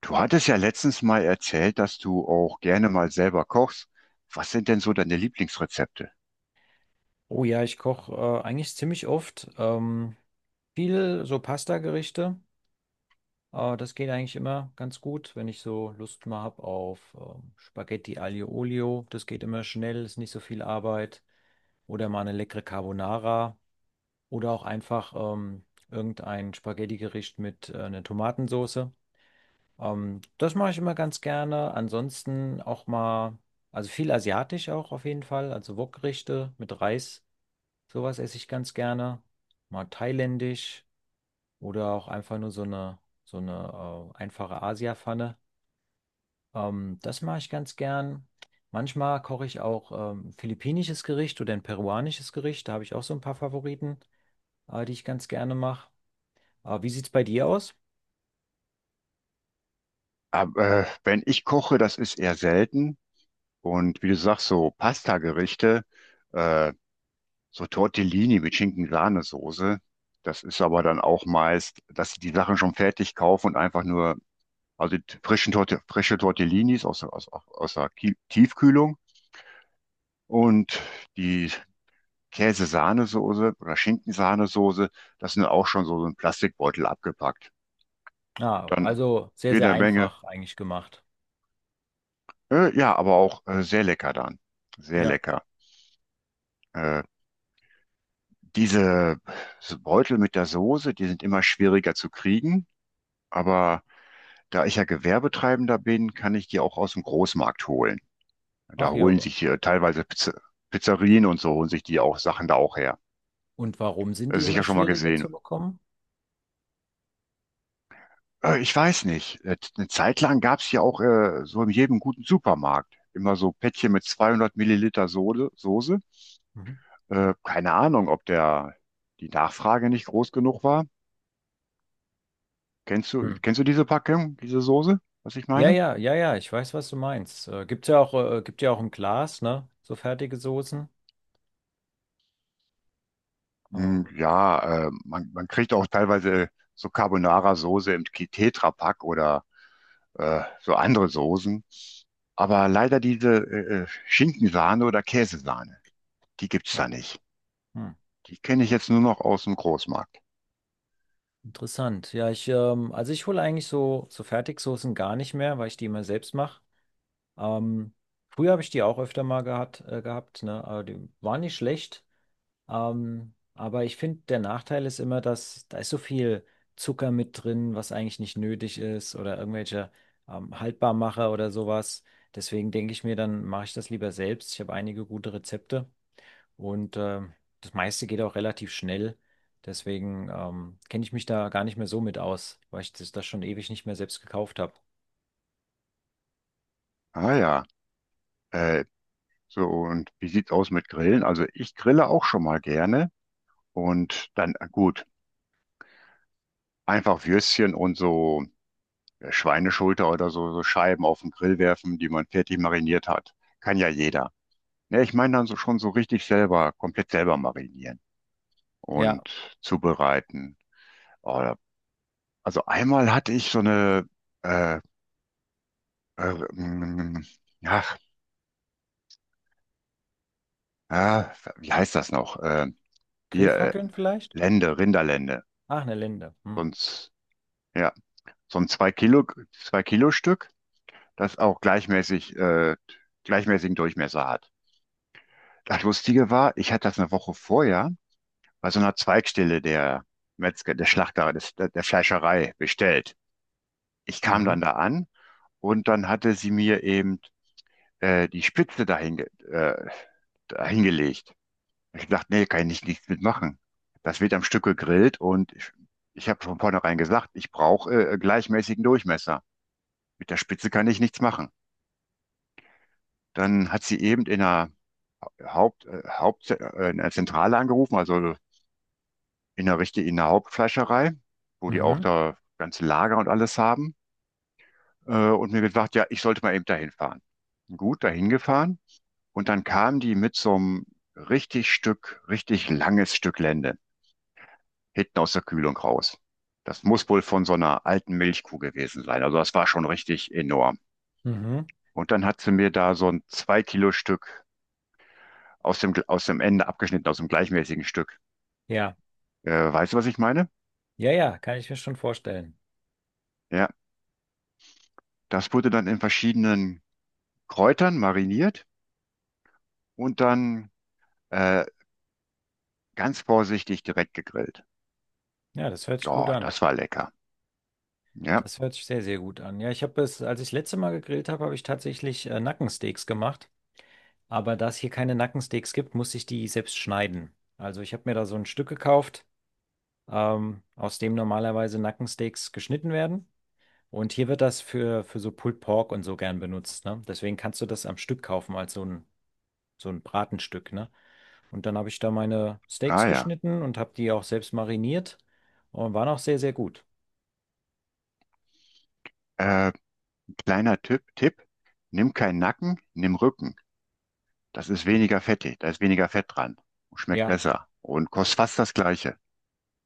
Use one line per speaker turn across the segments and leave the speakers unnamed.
Du hattest ja letztens mal erzählt, dass du auch gerne mal selber kochst. Was sind denn so deine Lieblingsrezepte?
Oh ja, ich koche eigentlich ziemlich oft. Viel so Pasta-Gerichte. Das geht eigentlich immer ganz gut, wenn ich so Lust mal habe auf Spaghetti Aglio Olio. Das geht immer schnell, ist nicht so viel Arbeit. Oder mal eine leckere Carbonara. Oder auch einfach irgendein Spaghetti-Gericht mit einer Tomatensauce. Das mache ich immer ganz gerne. Ansonsten auch mal, also viel asiatisch auch auf jeden Fall. Also Wokgerichte mit Reis. Sowas esse ich ganz gerne. Mal thailändisch oder auch einfach nur so eine einfache Asia-Pfanne. Das mache ich ganz gern. Manchmal koche ich auch ein philippinisches Gericht oder ein peruanisches Gericht. Da habe ich auch so ein paar Favoriten, die ich ganz gerne mache. Wie sieht es bei dir aus?
Aber, wenn ich koche, das ist eher selten. Und wie du sagst, so Pasta-Gerichte, äh, So Tortellini mit Schinken-Sahnesoße. Das ist aber dann auch meist, dass sie die Sachen schon fertig kaufen und einfach nur, also die frische Tortellinis aus der Tiefkühlung und die Käse-Sahnesoße oder Schinken-Sahnesoße, das sind auch schon so ein Plastikbeutel abgepackt.
Ah,
Dann
also sehr, sehr
jede Menge,
einfach eigentlich gemacht.
ja, aber auch sehr lecker dann. Sehr
Ja.
lecker. Äh, Diese Beutel mit der Soße, die sind immer schwieriger zu kriegen, aber da ich ja Gewerbetreibender bin, kann ich die auch aus dem Großmarkt holen. Da
Ach ja.
holen
wa-
sich hier teilweise Pizzerien und so holen sich die auch Sachen da auch her.
Und warum sind die immer
Sicher schon mal
schwieriger
gesehen.
zu bekommen?
Ich weiß nicht. Eine Zeit lang gab es ja auch so in jedem guten Supermarkt immer so Päckchen mit 200 Milliliter Soße.
Mhm.
Keine Ahnung, ob der die Nachfrage nicht groß genug war. Kennst du,
Hm.
kennst du diese Packung, diese Soße, was ich
Ja,
meine?
ja, ja, ja, ich weiß, was du meinst. Gibt's ja auch, gibt ja auch im Glas, ne? So fertige Soßen.
Hm,
Ähm,
ja, man kriegt auch teilweise so Carbonara-Soße im Tetrapack oder so andere Soßen. Aber leider diese Schinkensahne oder Käsesahne, die gibt's
ja.
da nicht.
Hm.
Die kenne ich jetzt nur noch aus dem Großmarkt.
Interessant. Ja, ich, also ich hole eigentlich so Fertigsoßen gar nicht mehr, weil ich die immer selbst mache. Ähm, Früher habe ich die auch öfter mal gehabt, ne? Aber die waren nicht schlecht. Aber ich finde, der Nachteil ist immer, dass da ist so viel Zucker mit drin, was eigentlich nicht nötig ist oder irgendwelche Haltbarmacher oder sowas. Deswegen denke ich mir, dann mache ich das lieber selbst. Ich habe einige gute Rezepte und das meiste geht auch relativ schnell. Deswegen kenne ich mich da gar nicht mehr so mit aus, weil ich das schon ewig nicht mehr selbst gekauft habe.
Ah ja, äh, so und wie sieht's aus mit Grillen? Also ich grille auch schon mal gerne und dann gut, einfach Würstchen und so Schweineschulter oder so, so Scheiben auf den Grill werfen, die man fertig mariniert hat. Kann ja jeder. Ja, ich meine dann so schon so richtig selber, komplett selber marinieren
Ja,
und zubereiten. Oh, also einmal hatte ich so eine, äh, äh, mm, ach, ja, wie heißt das noch? Hier, äh,
Grillfackeln vielleicht?
Lende, Rinderlende.
Ach, eine Linde. Hm.
Sonst, ja, so ein zwei Kilo, zwei Kilo Stück, das auch gleichmäßigen Durchmesser hat. Das Lustige war, ich hatte das eine Woche vorher bei so einer Zweigstelle der Metzger, der Schlachter, des, der, der Fleischerei bestellt. Ich kam dann
Mhm.
da an und dann hatte sie mir eben die Spitze dahingelegt. Ich dachte, nee, kann ich nicht, nichts mitmachen. Das wird am Stück gegrillt und ich habe von vornherein gesagt, ich brauche gleichmäßigen Durchmesser. Mit der Spitze kann ich nichts machen. Dann hat sie eben in der in der Zentrale angerufen, also in der richtigen, in der Hauptfleischerei, wo die auch
Mhm.
da ganze Lager und alles haben, und mir gesagt, ja, ich sollte mal eben dahin fahren. Gut, dahin gefahren. Und dann kamen die mit so einem richtig langes Stück Lende hinten aus der Kühlung raus. Das muss wohl von so einer alten Milchkuh gewesen sein. Also das war schon richtig enorm.
Mhm.
Und dann hat sie mir da so ein zwei Kilo Stück aus aus dem Ende abgeschnitten, aus dem gleichmäßigen Stück.
Ja,
Weißt du, was ich meine?
ja, ja, kann ich mir schon vorstellen.
Ja, das wurde dann in verschiedenen Kräutern mariniert und dann äh, ganz vorsichtig direkt gegrillt.
Ja, das hört sich gut
Oh,
an.
das war lecker. Ja,
Das hört sich sehr, sehr gut an. Ja, ich habe es, als ich das letzte Mal gegrillt habe, habe ich tatsächlich Nackensteaks gemacht. Aber da es hier keine Nackensteaks gibt, muss ich die selbst schneiden. Also ich habe mir da so ein Stück gekauft, aus dem normalerweise Nackensteaks geschnitten werden. Und hier wird das für so Pulled Pork und so gern benutzt, ne? Deswegen kannst du das am Stück kaufen, als so ein Bratenstück, ne? Und dann habe ich da meine
ah
Steaks
ja.
geschnitten und habe die auch selbst mariniert und waren auch sehr, sehr gut.
Äh, Kleiner Tipp, nimm keinen Nacken, nimm Rücken. Das ist
Hm.
weniger fettig, da ist weniger Fett dran. Und schmeckt
Ja.
besser und kostet fast das Gleiche.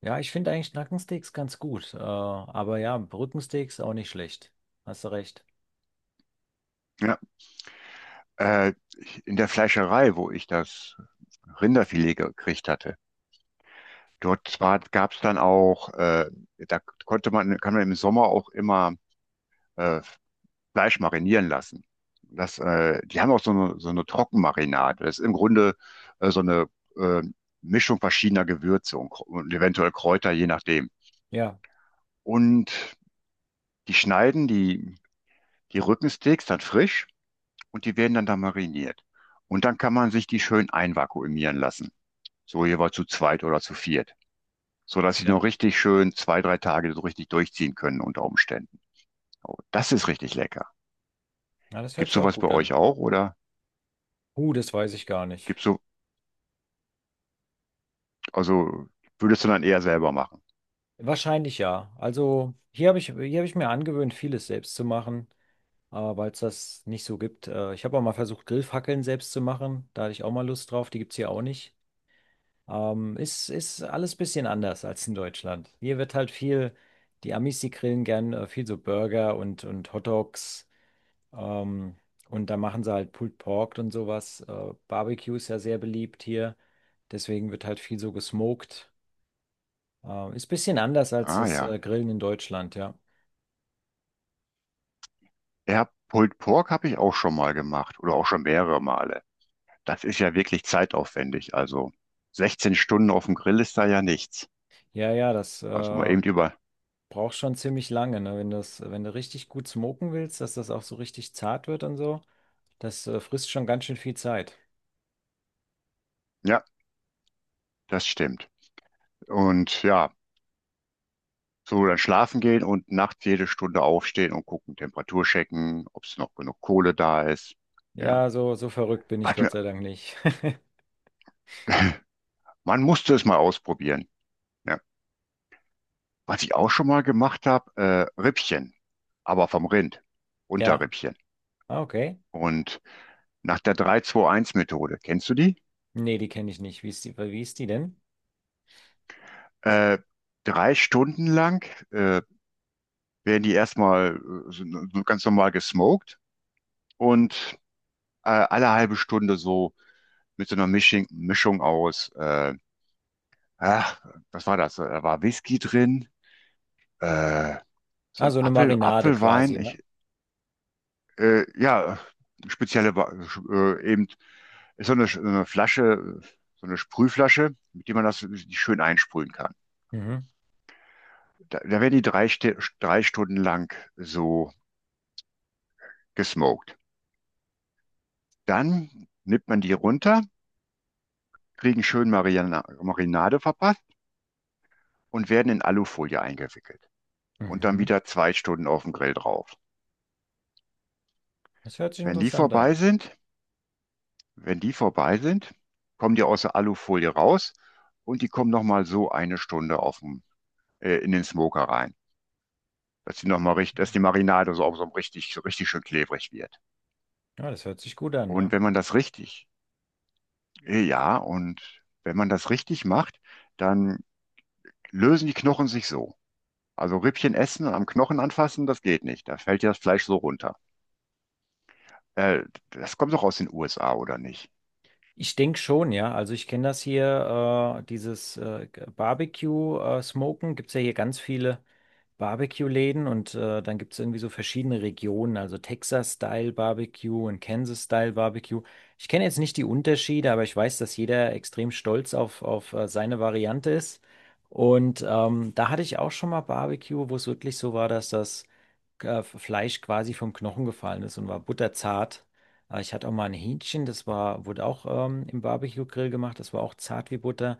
Ja, ich finde eigentlich Nackensteaks ganz gut. Aber ja, Rückensteaks auch nicht schlecht. Hast du recht.
Ja, äh, in der Fleischerei, wo ich das Rinderfilet gekriegt hatte, dort zwar gab es dann da konnte kann man im Sommer auch immer äh, Fleisch marinieren lassen. Die haben auch so eine Trockenmarinade. Das ist im Grunde so eine äh, Mischung verschiedener Gewürze und eventuell Kräuter, je nachdem.
Ja,
Und die die Rückensteaks dann frisch und die werden dann da mariniert. Und dann kann man sich die schön einvakuumieren lassen. So jeweils zu zweit oder zu viert. So dass sie
ja.
noch richtig schön zwei, drei Tage so richtig durchziehen können unter Umständen. Oh, das ist richtig lecker.
Ja, das hört
Gibt's
sich auch
sowas bei
gut an.
euch auch oder
Das weiß ich gar nicht.
gibt's so, also würdest du dann eher selber machen?
Wahrscheinlich ja. Also hier habe ich mir angewöhnt, vieles selbst zu machen, weil es das nicht so gibt. Ich habe auch mal versucht, Grillfackeln selbst zu machen. Da hatte ich auch mal Lust drauf. Die gibt es hier auch nicht. Ist alles ein bisschen anders als in Deutschland. Hier wird halt viel, die Amis, die grillen gern viel so Burger und Hot Dogs. Ähm, und da machen sie halt Pulled Pork und sowas. Barbecue ist ja sehr beliebt hier. Deswegen wird halt viel so gesmoked. Ist ein bisschen anders als
Ah
das
ja.
Grillen in Deutschland, ja.
Ja, Pulled Pork habe ich auch schon mal gemacht oder auch schon mehrere Male. Das ist ja wirklich zeitaufwendig. Also 16 Stunden auf dem Grill ist da ja nichts.
Ja, ja, das
Also mal eben über.
braucht schon ziemlich lange, ne? Wenn das, wenn du richtig gut smoken willst, dass das auch so richtig zart wird und so, das frisst schon ganz schön viel Zeit.
Ja, das stimmt. Und ja, so dann schlafen gehen und nachts jede Stunde aufstehen und gucken, Temperatur checken, ob es noch genug Kohle da ist. Ja,
Ja, so, so verrückt bin ich
was
Gott
mir,
sei Dank nicht.
man musste es mal ausprobieren. Ja, was ich auch schon mal gemacht habe, Rippchen, aber vom Rind,
Ja,
Unterrippchen.
ah, okay.
Und nach der drei zwei eins methode kennst du die?
Nee, die kenne ich nicht. Wie ist die denn?
Äh, Drei Stunden lang äh, werden die erstmal äh, so, so ganz normal gesmoked und alle halbe Stunde so mit so einer Mischung aus, ach, was war das? Da war Whisky drin, äh,
Ah, so eine Marinade
Apfelwein.
quasi, ne?
Ja, spezielle, Wa- eben ist so eine Flasche, so eine Sprühflasche, mit der man das schön einsprühen kann.
Mhm.
Da werden die drei Stunden lang so gesmoked. Dann nimmt man die runter, kriegen schön Marinade verpasst und werden in Alufolie eingewickelt. Und dann
Mhm.
wieder zwei Stunden auf dem Grill drauf.
Das hört sich
Wenn die
interessant
vorbei
an.
sind, wenn die vorbei sind, kommen die aus der Alufolie raus und die kommen nochmal so eine Stunde auf in den Smoker rein, dass die dass die Marinade so richtig schön klebrig wird.
Ja, das hört sich gut an,
Und
ja.
wenn man das richtig macht, dann lösen die Knochen sich so. Also Rippchen essen und am Knochen anfassen, das geht nicht. Da fällt ja das Fleisch so runter. Äh, Das kommt doch aus den USA, oder nicht?
Ich denke schon, ja. Also ich kenne das hier, dieses Barbecue-Smoken. Gibt es ja hier ganz viele Barbecue-Läden und dann gibt es irgendwie so verschiedene Regionen, also Texas-Style-Barbecue und Kansas-Style-Barbecue. Ich kenne jetzt nicht die Unterschiede, aber ich weiß, dass jeder extrem stolz auf seine Variante ist. Und da hatte ich auch schon mal Barbecue, wo es wirklich so war, dass das Fleisch quasi vom Knochen gefallen ist und war butterzart. Ich hatte auch mal ein Hähnchen, das war, wurde auch im Barbecue-Grill gemacht, das war auch zart wie Butter.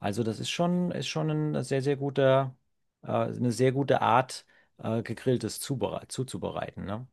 Also das ist schon ein sehr, sehr guter, eine sehr gute Art, gegrilltes zubere- zuzubereiten, ne?